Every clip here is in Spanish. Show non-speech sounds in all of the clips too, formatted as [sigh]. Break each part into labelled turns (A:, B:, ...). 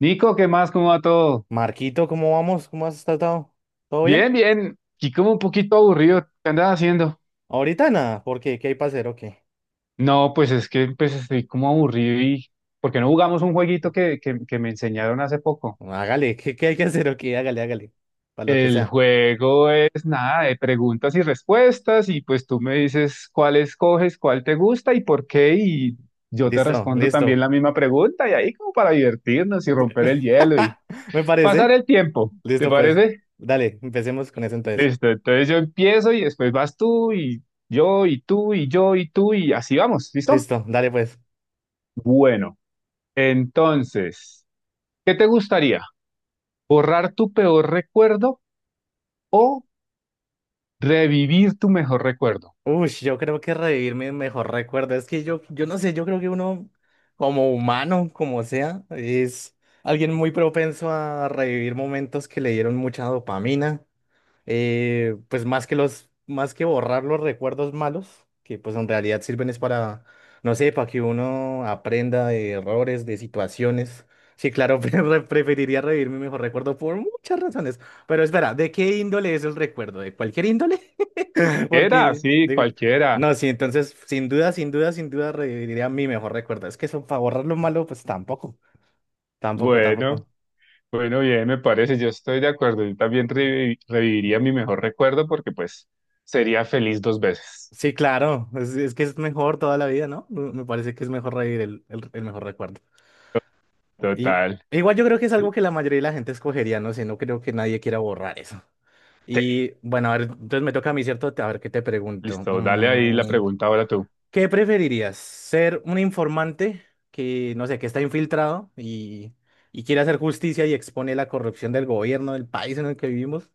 A: Nico, ¿qué más? ¿Cómo va todo?
B: Marquito, ¿cómo vamos? ¿Cómo has estado? ¿Todo bien?
A: Bien, bien. Y como un poquito aburrido. ¿Qué andas haciendo?
B: Ahorita nada, ¿por qué? ¿Qué hay para hacer o qué?
A: No, pues es que pues estoy como aburrido y... ¿Por qué no jugamos un jueguito
B: No.
A: que me enseñaron hace poco?
B: Hágale, [laughs] ¿qué hay que hacer o qué? Hágale, hágale, para lo que
A: El
B: sea.
A: juego es nada de preguntas y respuestas y pues tú me dices cuál escoges, cuál te gusta y por qué y yo te
B: Listo,
A: respondo también
B: listo.
A: la misma pregunta y ahí como para divertirnos y
B: Bu-
A: romper el hielo y
B: [laughs] Me
A: pasar
B: parece.
A: el tiempo. ¿Te
B: Listo, pues.
A: parece?
B: Dale, empecemos con eso entonces.
A: Listo, entonces yo empiezo y después vas tú y yo y tú y yo y tú y así vamos, ¿listo?
B: Listo, dale, pues.
A: Bueno, entonces, ¿qué te gustaría? ¿Borrar tu peor recuerdo o revivir tu mejor recuerdo?
B: Uy, yo creo que revivir mi mejor recuerdo. Es que yo no sé, yo creo que uno, como humano, como sea, es alguien muy propenso a revivir momentos que le dieron mucha dopamina pues más que los, más que borrar los recuerdos malos, que pues en realidad sirven es para, no sé, para que uno aprenda de errores, de situaciones. Sí, claro, [laughs] preferiría revivir mi mejor recuerdo por muchas razones. Pero espera, ¿de qué índole es el recuerdo? ¿De cualquier índole? [laughs]
A: Era,
B: Porque,
A: sí, cualquiera.
B: no, sí, entonces, sin duda, sin duda, sin duda, reviviría mi mejor recuerdo. Es que eso, para borrar lo malo, pues tampoco, tampoco,
A: Bueno,
B: tampoco.
A: bueno, bien, me parece, yo estoy de acuerdo. Yo también reviviría mi mejor recuerdo porque pues sería feliz dos veces.
B: Sí, claro, es que es mejor toda la vida, ¿no? Me parece que es mejor reír el mejor recuerdo. Y
A: Total.
B: igual yo creo que es algo que la mayoría de la gente escogería, no sé, no creo que nadie quiera borrar eso.
A: Sí,
B: Y bueno, a ver, entonces me toca a mí, ¿cierto? A ver, ¿qué te pregunto?
A: listo, dale ahí la pregunta ahora tú.
B: ¿Qué preferirías? ¿Ser un informante que, no sé, que está infiltrado y quiere hacer justicia y expone la corrupción del gobierno, del país en el que vivimos?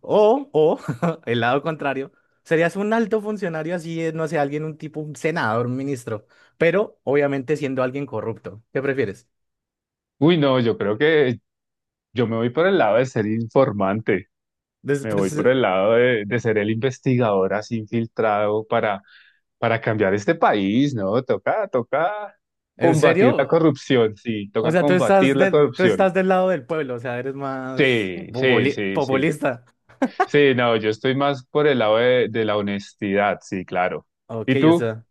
B: O, [laughs] el lado contrario, serías un alto funcionario así, no sé, alguien, un tipo, un senador, un ministro, pero obviamente siendo alguien corrupto. ¿Qué prefieres?
A: Uy, no, yo creo que yo me voy por el lado de ser informante,
B: [laughs]
A: me voy
B: Pues,
A: por el lado de ser el investigador así infiltrado para cambiar este país, ¿no? Toca, toca
B: ¿en
A: combatir la
B: serio?
A: corrupción, sí,
B: O
A: toca
B: sea,
A: combatir la
B: tú
A: corrupción.
B: estás del lado del pueblo, o sea, eres más
A: Sí, sí,
B: populi-
A: sí, sí.
B: populista.
A: Sí, no, yo estoy más por el lado de la honestidad, sí, claro.
B: Ok,
A: ¿Y
B: o
A: tú?
B: sea.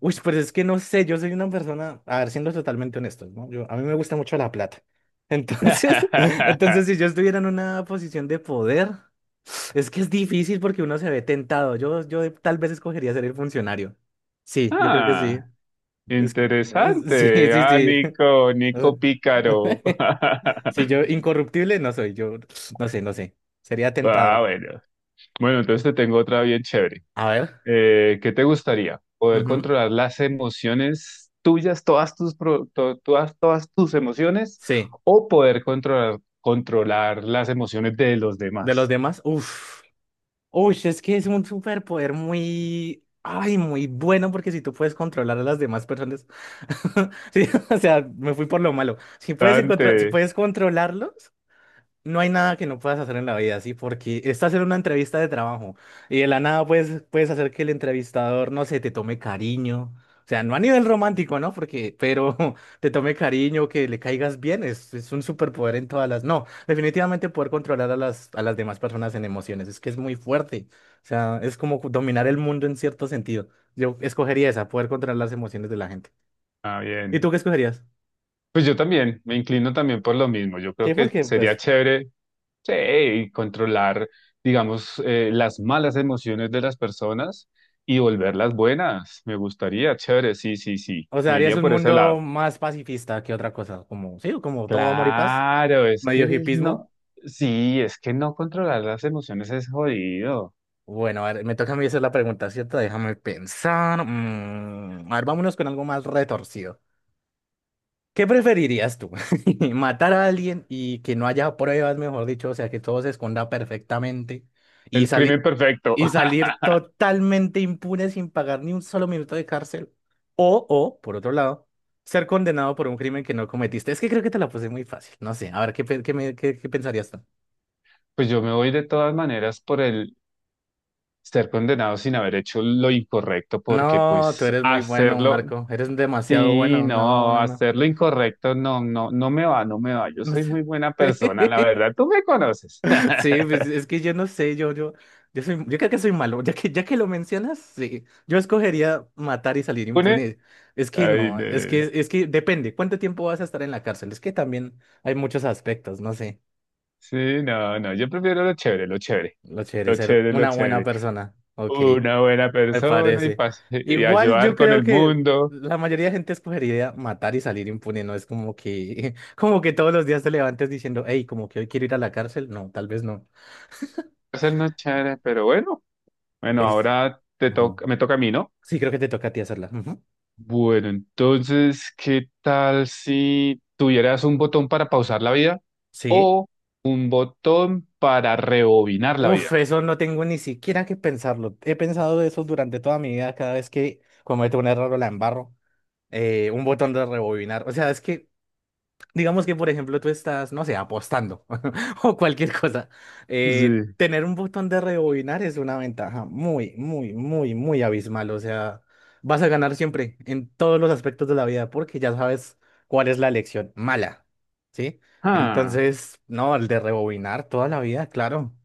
B: Uy, pero es que no sé, yo soy una persona, a ver, siendo totalmente honesto, ¿no? Yo, a mí me gusta mucho la plata. Entonces, [laughs]
A: [laughs]
B: entonces, si yo estuviera en una posición de poder. Es que es difícil porque uno se ve tentado. Yo tal vez escogería ser el funcionario. Sí, yo creo que sí.
A: Ah,
B: Es que- [laughs] sí,
A: interesante.
B: sí,
A: Ah,
B: sí.
A: Nico,
B: [laughs] O
A: Nico
B: sea,
A: Pícaro.
B: [laughs] si yo
A: [laughs]
B: incorruptible no soy, yo no sé, no sé. Sería tentado
A: Ah,
B: al menos.
A: bueno. Bueno, entonces te tengo otra bien chévere.
B: A ver.
A: ¿Qué te gustaría? ¿Poder
B: Ujú.
A: controlar las emociones tuyas, todas tus, todas, todas tus emociones,
B: Sí.
A: o poder controlar, controlar las emociones de los
B: De los
A: demás?
B: demás, uff. Uy, es que es un superpoder muy, ay, muy bueno porque si tú puedes controlar a las demás personas, [laughs] sí, o sea, me fui por lo malo. Si puedes encontrar, si
A: Dante.
B: puedes controlarlos. No hay nada que no puedas hacer en la vida, ¿sí? Porque estás en una entrevista de trabajo y de la nada puedes, puedes hacer que el entrevistador, no sé, te tome cariño. O sea, no a nivel romántico, ¿no? Porque, pero [laughs] te tome cariño, que le caigas bien, es un superpoder en todas las... No, definitivamente poder controlar a las demás personas en emociones, es que es muy fuerte. O sea, es como dominar el mundo en cierto sentido. Yo escogería esa, poder controlar las emociones de la gente.
A: Ah,
B: ¿Y
A: bien.
B: tú qué escogerías?
A: Pues yo también, me inclino también por lo mismo. Yo creo
B: Sí,
A: que
B: porque
A: sería
B: pues
A: chévere. Sí, y controlar, digamos, las malas emociones de las personas y volverlas buenas. Me gustaría, chévere, sí, sí, sí.
B: o sea,
A: Me
B: harías
A: iría
B: un
A: por ese
B: mundo
A: lado.
B: más pacifista que otra cosa, como, sí, como todo amor y paz,
A: Claro, es que
B: medio
A: el
B: hipismo.
A: no, sí, es que no controlar las emociones es jodido.
B: Bueno, a ver, me toca a mí hacer la pregunta, ¿cierto? Déjame pensar. A ver, vámonos con algo más retorcido. ¿Qué preferirías tú? [laughs] ¿Matar a alguien y que no haya pruebas, mejor dicho? O sea, que todo se esconda perfectamente y
A: El crimen
B: salir
A: perfecto.
B: y
A: [laughs]
B: salir totalmente impune sin pagar ni un solo minuto de cárcel. O, por otro lado, ser condenado por un crimen que no cometiste. Es que creo que te la puse muy fácil. No sé, a ver, ¿qué, pe- qué, me- qué, qué pensarías tú?
A: Pues yo me voy de todas maneras por el estar condenado sin haber hecho lo incorrecto, porque
B: No, tú
A: pues
B: eres muy bueno,
A: hacerlo,
B: Marco. Eres demasiado
A: sí,
B: bueno. No,
A: no,
B: no, no.
A: hacer lo incorrecto no, no, no me va, no me va. Yo soy muy buena persona, la
B: [laughs] [laughs]
A: verdad, tú me conoces.
B: Sí, pues, es
A: [laughs]
B: que yo no sé, yo soy, yo creo que soy malo, [laughs] ya que lo mencionas, sí, yo escogería matar y salir
A: Une-
B: impune. Es que
A: Ay,
B: no,
A: no, no, no.
B: es que depende, ¿cuánto tiempo vas a estar en la cárcel? Es que también hay muchos aspectos, no sé,
A: Sí, no, no, yo prefiero lo chévere, lo chévere,
B: lo chévere,
A: lo
B: ser
A: chévere, lo
B: una buena
A: chévere.
B: persona, ok,
A: Una buena
B: me
A: persona y,
B: parece.
A: y
B: Igual yo
A: ayudar con
B: creo
A: el
B: que
A: mundo.
B: la mayoría de gente escogería matar y salir impune, no es como que, [laughs] como que todos los días te levantes diciendo, hey, como que hoy quiero ir a la cárcel, no, tal vez no.
A: Hacernos chévere, pero bueno, bueno,
B: ¿Ves?
A: ahora te
B: Bueno,
A: toca, me toca a mí, ¿no?
B: sí, creo que te toca a ti hacerla. Ujú.
A: Bueno, entonces, ¿qué tal si tuvieras un botón para pausar la vida
B: Sí.
A: o botón para rebobinar la
B: Uf,
A: vida?
B: eso no tengo ni siquiera que pensarlo. He pensado eso durante toda mi vida, cada vez que cometo un error o la embarro. Un botón de rebobinar. O sea, es que digamos que, por ejemplo, tú estás, no sé, apostando [laughs] o cualquier cosa.
A: Sí.
B: Tener un botón de rebobinar es una ventaja muy, muy, muy, muy abismal. O sea, vas a ganar siempre en todos los aspectos de la vida porque ya sabes cuál es la elección mala, ¿sí?
A: Ah,
B: Entonces, no, el de rebobinar toda la vida, claro.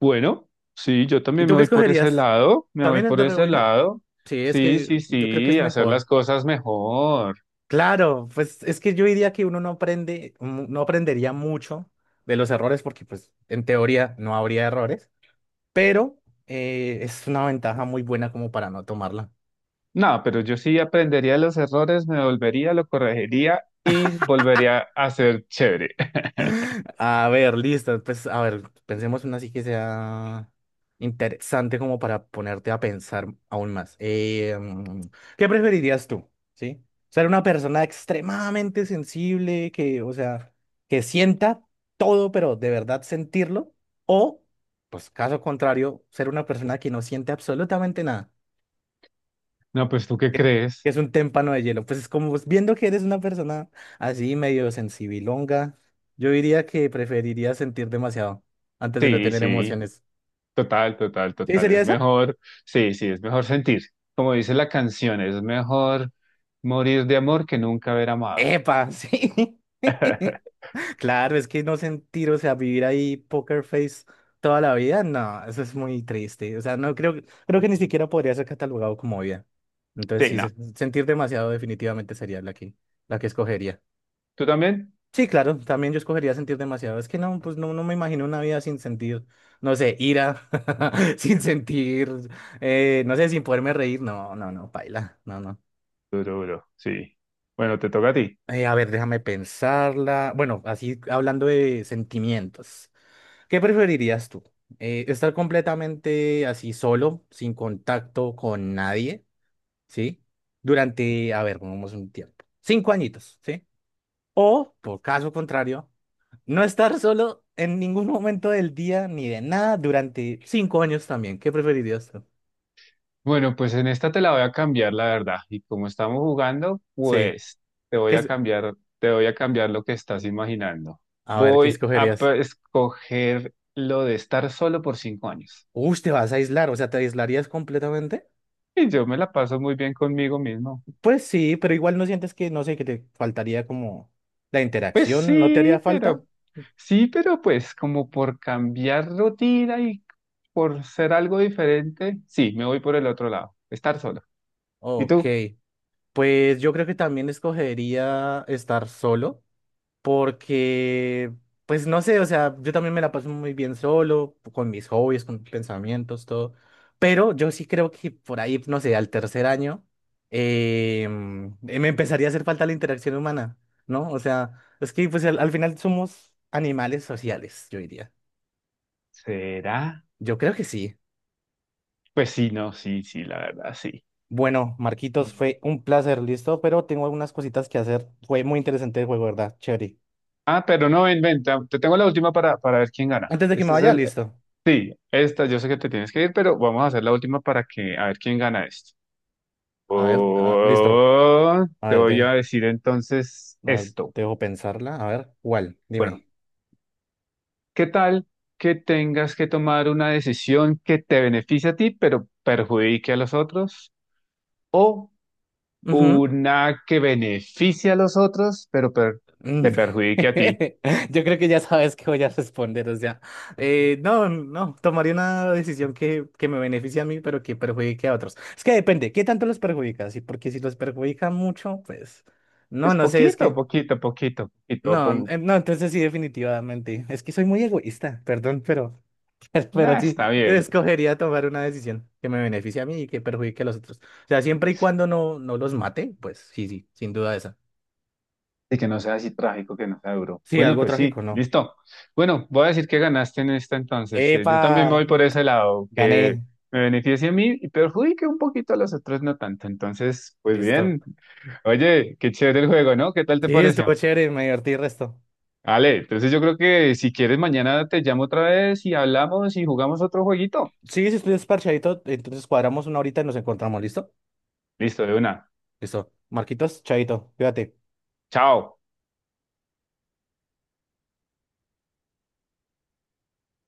A: bueno, sí, yo
B: ¿Y
A: también
B: tú
A: me
B: qué
A: voy por ese
B: escogerías?
A: lado, me voy
B: ¿También el
A: por
B: de
A: ese
B: rebobinar?
A: lado.
B: Sí, es
A: Sí,
B: que
A: sí,
B: yo creo que es
A: sí, hacer las
B: mejor.
A: cosas mejor.
B: Claro, pues es que yo diría que uno no aprende, no aprendería mucho de los errores porque pues en teoría no habría errores, pero es una ventaja muy buena como para no tomarla.
A: No, pero yo sí aprendería los errores, me volvería, lo corregiría y volvería a ser chévere. [laughs]
B: A ver, listo. Pues, a ver, pensemos una así que sea interesante como para ponerte a pensar aún más. ¿Qué preferirías tú? ¿Sí? Ser una persona extremadamente sensible, que, o sea, que sienta todo, pero de verdad sentirlo, o, pues, caso contrario, ser una persona que no siente absolutamente nada,
A: No, pues ¿tú qué
B: que que
A: crees?
B: es un témpano de hielo. Pues es como pues, viendo que eres una persona así medio sensibilonga, yo diría que preferiría sentir demasiado antes de no
A: Sí,
B: tener
A: sí.
B: emociones.
A: Total, total,
B: ¿Sí
A: total.
B: sería
A: Es
B: esa?
A: mejor, sí, sí, es mejor sentir. Como dice la canción, es mejor morir de amor que nunca haber amado.
B: ¡Epa! Sí. [laughs]
A: [laughs]
B: Claro, es que no sentir, o sea, vivir ahí poker face toda la vida, no, eso es muy triste. O sea, no creo, creo que ni siquiera podría ser catalogado como vida. Entonces,
A: Sí,
B: sí,
A: no.
B: sentir demasiado definitivamente sería la que escogería.
A: ¿Tú también?
B: Sí, claro, también yo escogería sentir demasiado. Es que no, pues no, no me imagino una vida sin sentir, no sé, ira, [laughs] sin sentir, no sé, sin poderme reír. No, no, no, paila, no, no.
A: Duro, duro, sí. Bueno, te toca a ti.
B: A ver, déjame pensarla. Bueno, así hablando de sentimientos, ¿qué preferirías tú? Estar completamente así solo, sin contacto con nadie, ¿sí? Durante, a ver, pongamos un tiempo, 5 añitos, ¿sí? O, por caso contrario, no estar solo en ningún momento del día ni de nada durante 5 años también. ¿Qué preferirías tú?
A: Bueno, pues en esta te la voy a cambiar, la verdad. Y como estamos jugando,
B: Sí.
A: pues te voy
B: ¿Qué
A: a
B: es-
A: cambiar, te voy a cambiar lo que estás imaginando.
B: A ver, ¿qué
A: Voy a
B: escogerías?
A: escoger lo de estar solo por 5 años.
B: Uy, te vas a aislar, o sea, ¿te aislarías completamente?
A: Y yo me la paso muy bien conmigo mismo.
B: Pues sí, pero igual no sientes que, no sé, que te faltaría como la
A: Pues
B: interacción, ¿no te haría falta?
A: sí, pero pues como por cambiar rutina y por ser algo diferente, sí, me voy por el otro lado, estar solo. ¿Y
B: Ok,
A: tú?
B: pues yo creo que también escogería estar solo, porque, pues no sé, o sea, yo también me la paso muy bien solo, con mis hobbies, con mis pensamientos, todo, pero yo sí creo que por ahí, no sé, al tercer año, me empezaría a hacer falta la interacción humana, ¿no? O sea, es que pues al final somos animales sociales, yo diría.
A: ¿Será?
B: Yo creo que sí.
A: Pues sí, no, sí, sí, la verdad, sí.
B: Bueno, Marquitos,
A: Mm.
B: fue un placer, listo, pero tengo algunas cositas que hacer. Fue muy interesante el juego, ¿verdad? Chévere.
A: Ah, pero no, ven, ven, te tengo la última para ver quién gana.
B: Antes de que me
A: Este es
B: vaya,
A: el,
B: listo.
A: esta, yo sé que te tienes que ir, pero vamos a hacer la última para que, a ver quién gana esto.
B: A ver, ah, listo.
A: Oh,
B: A
A: te
B: ver,
A: voy a
B: deja.
A: decir entonces
B: A ver,
A: esto.
B: dejo pensarla. A ver, ¿cuál?
A: Bueno.
B: Dime.
A: ¿Qué tal que tengas que tomar una decisión que te beneficie a ti, pero perjudique a los otros? ¿O
B: Ujú.
A: una que beneficie a los otros, pero te
B: Mm.
A: perjudique a ti?
B: [laughs] Yo creo que ya sabes que voy a responder, o sea, no, no, tomaría una decisión que, me beneficie a mí, pero que perjudique a otros. Es que depende, ¿qué tanto los perjudica? Sí, porque si los perjudica mucho, pues, no,
A: Pues
B: no sé, es
A: poquito,
B: que,
A: poquito, poquito, poquito.
B: no,
A: Pongo,
B: no, entonces sí, definitivamente, es que soy muy egoísta, perdón, pero [laughs]
A: ah,
B: pero sí,
A: está bien.
B: escogería tomar una decisión que me beneficie a mí y que perjudique a los otros. O sea, siempre y cuando no, no los mate, pues sí, sí, sin duda esa.
A: Y que no sea así trágico, que no sea duro.
B: Sí,
A: Bueno,
B: algo
A: pues sí,
B: trágico, no.
A: listo. Bueno, voy a decir que ganaste en esta entonces. Yo también me
B: ¡Epa!
A: voy por ese lado, que
B: Gané.
A: me beneficie a mí y perjudique un poquito a los otros, no tanto. Entonces, pues
B: Listo.
A: bien. Oye, qué chévere el juego, ¿no? ¿Qué tal te
B: Sí, estuvo
A: pareció?
B: chévere, me divertí el resto.
A: Vale, entonces yo creo que si quieres mañana te llamo otra vez y hablamos y jugamos otro jueguito.
B: Sí, si estoy desparchadito, entonces cuadramos una horita y nos encontramos, ¿listo?
A: Listo, de una.
B: Listo. Marquitos, chaito, cuídate.
A: Chao.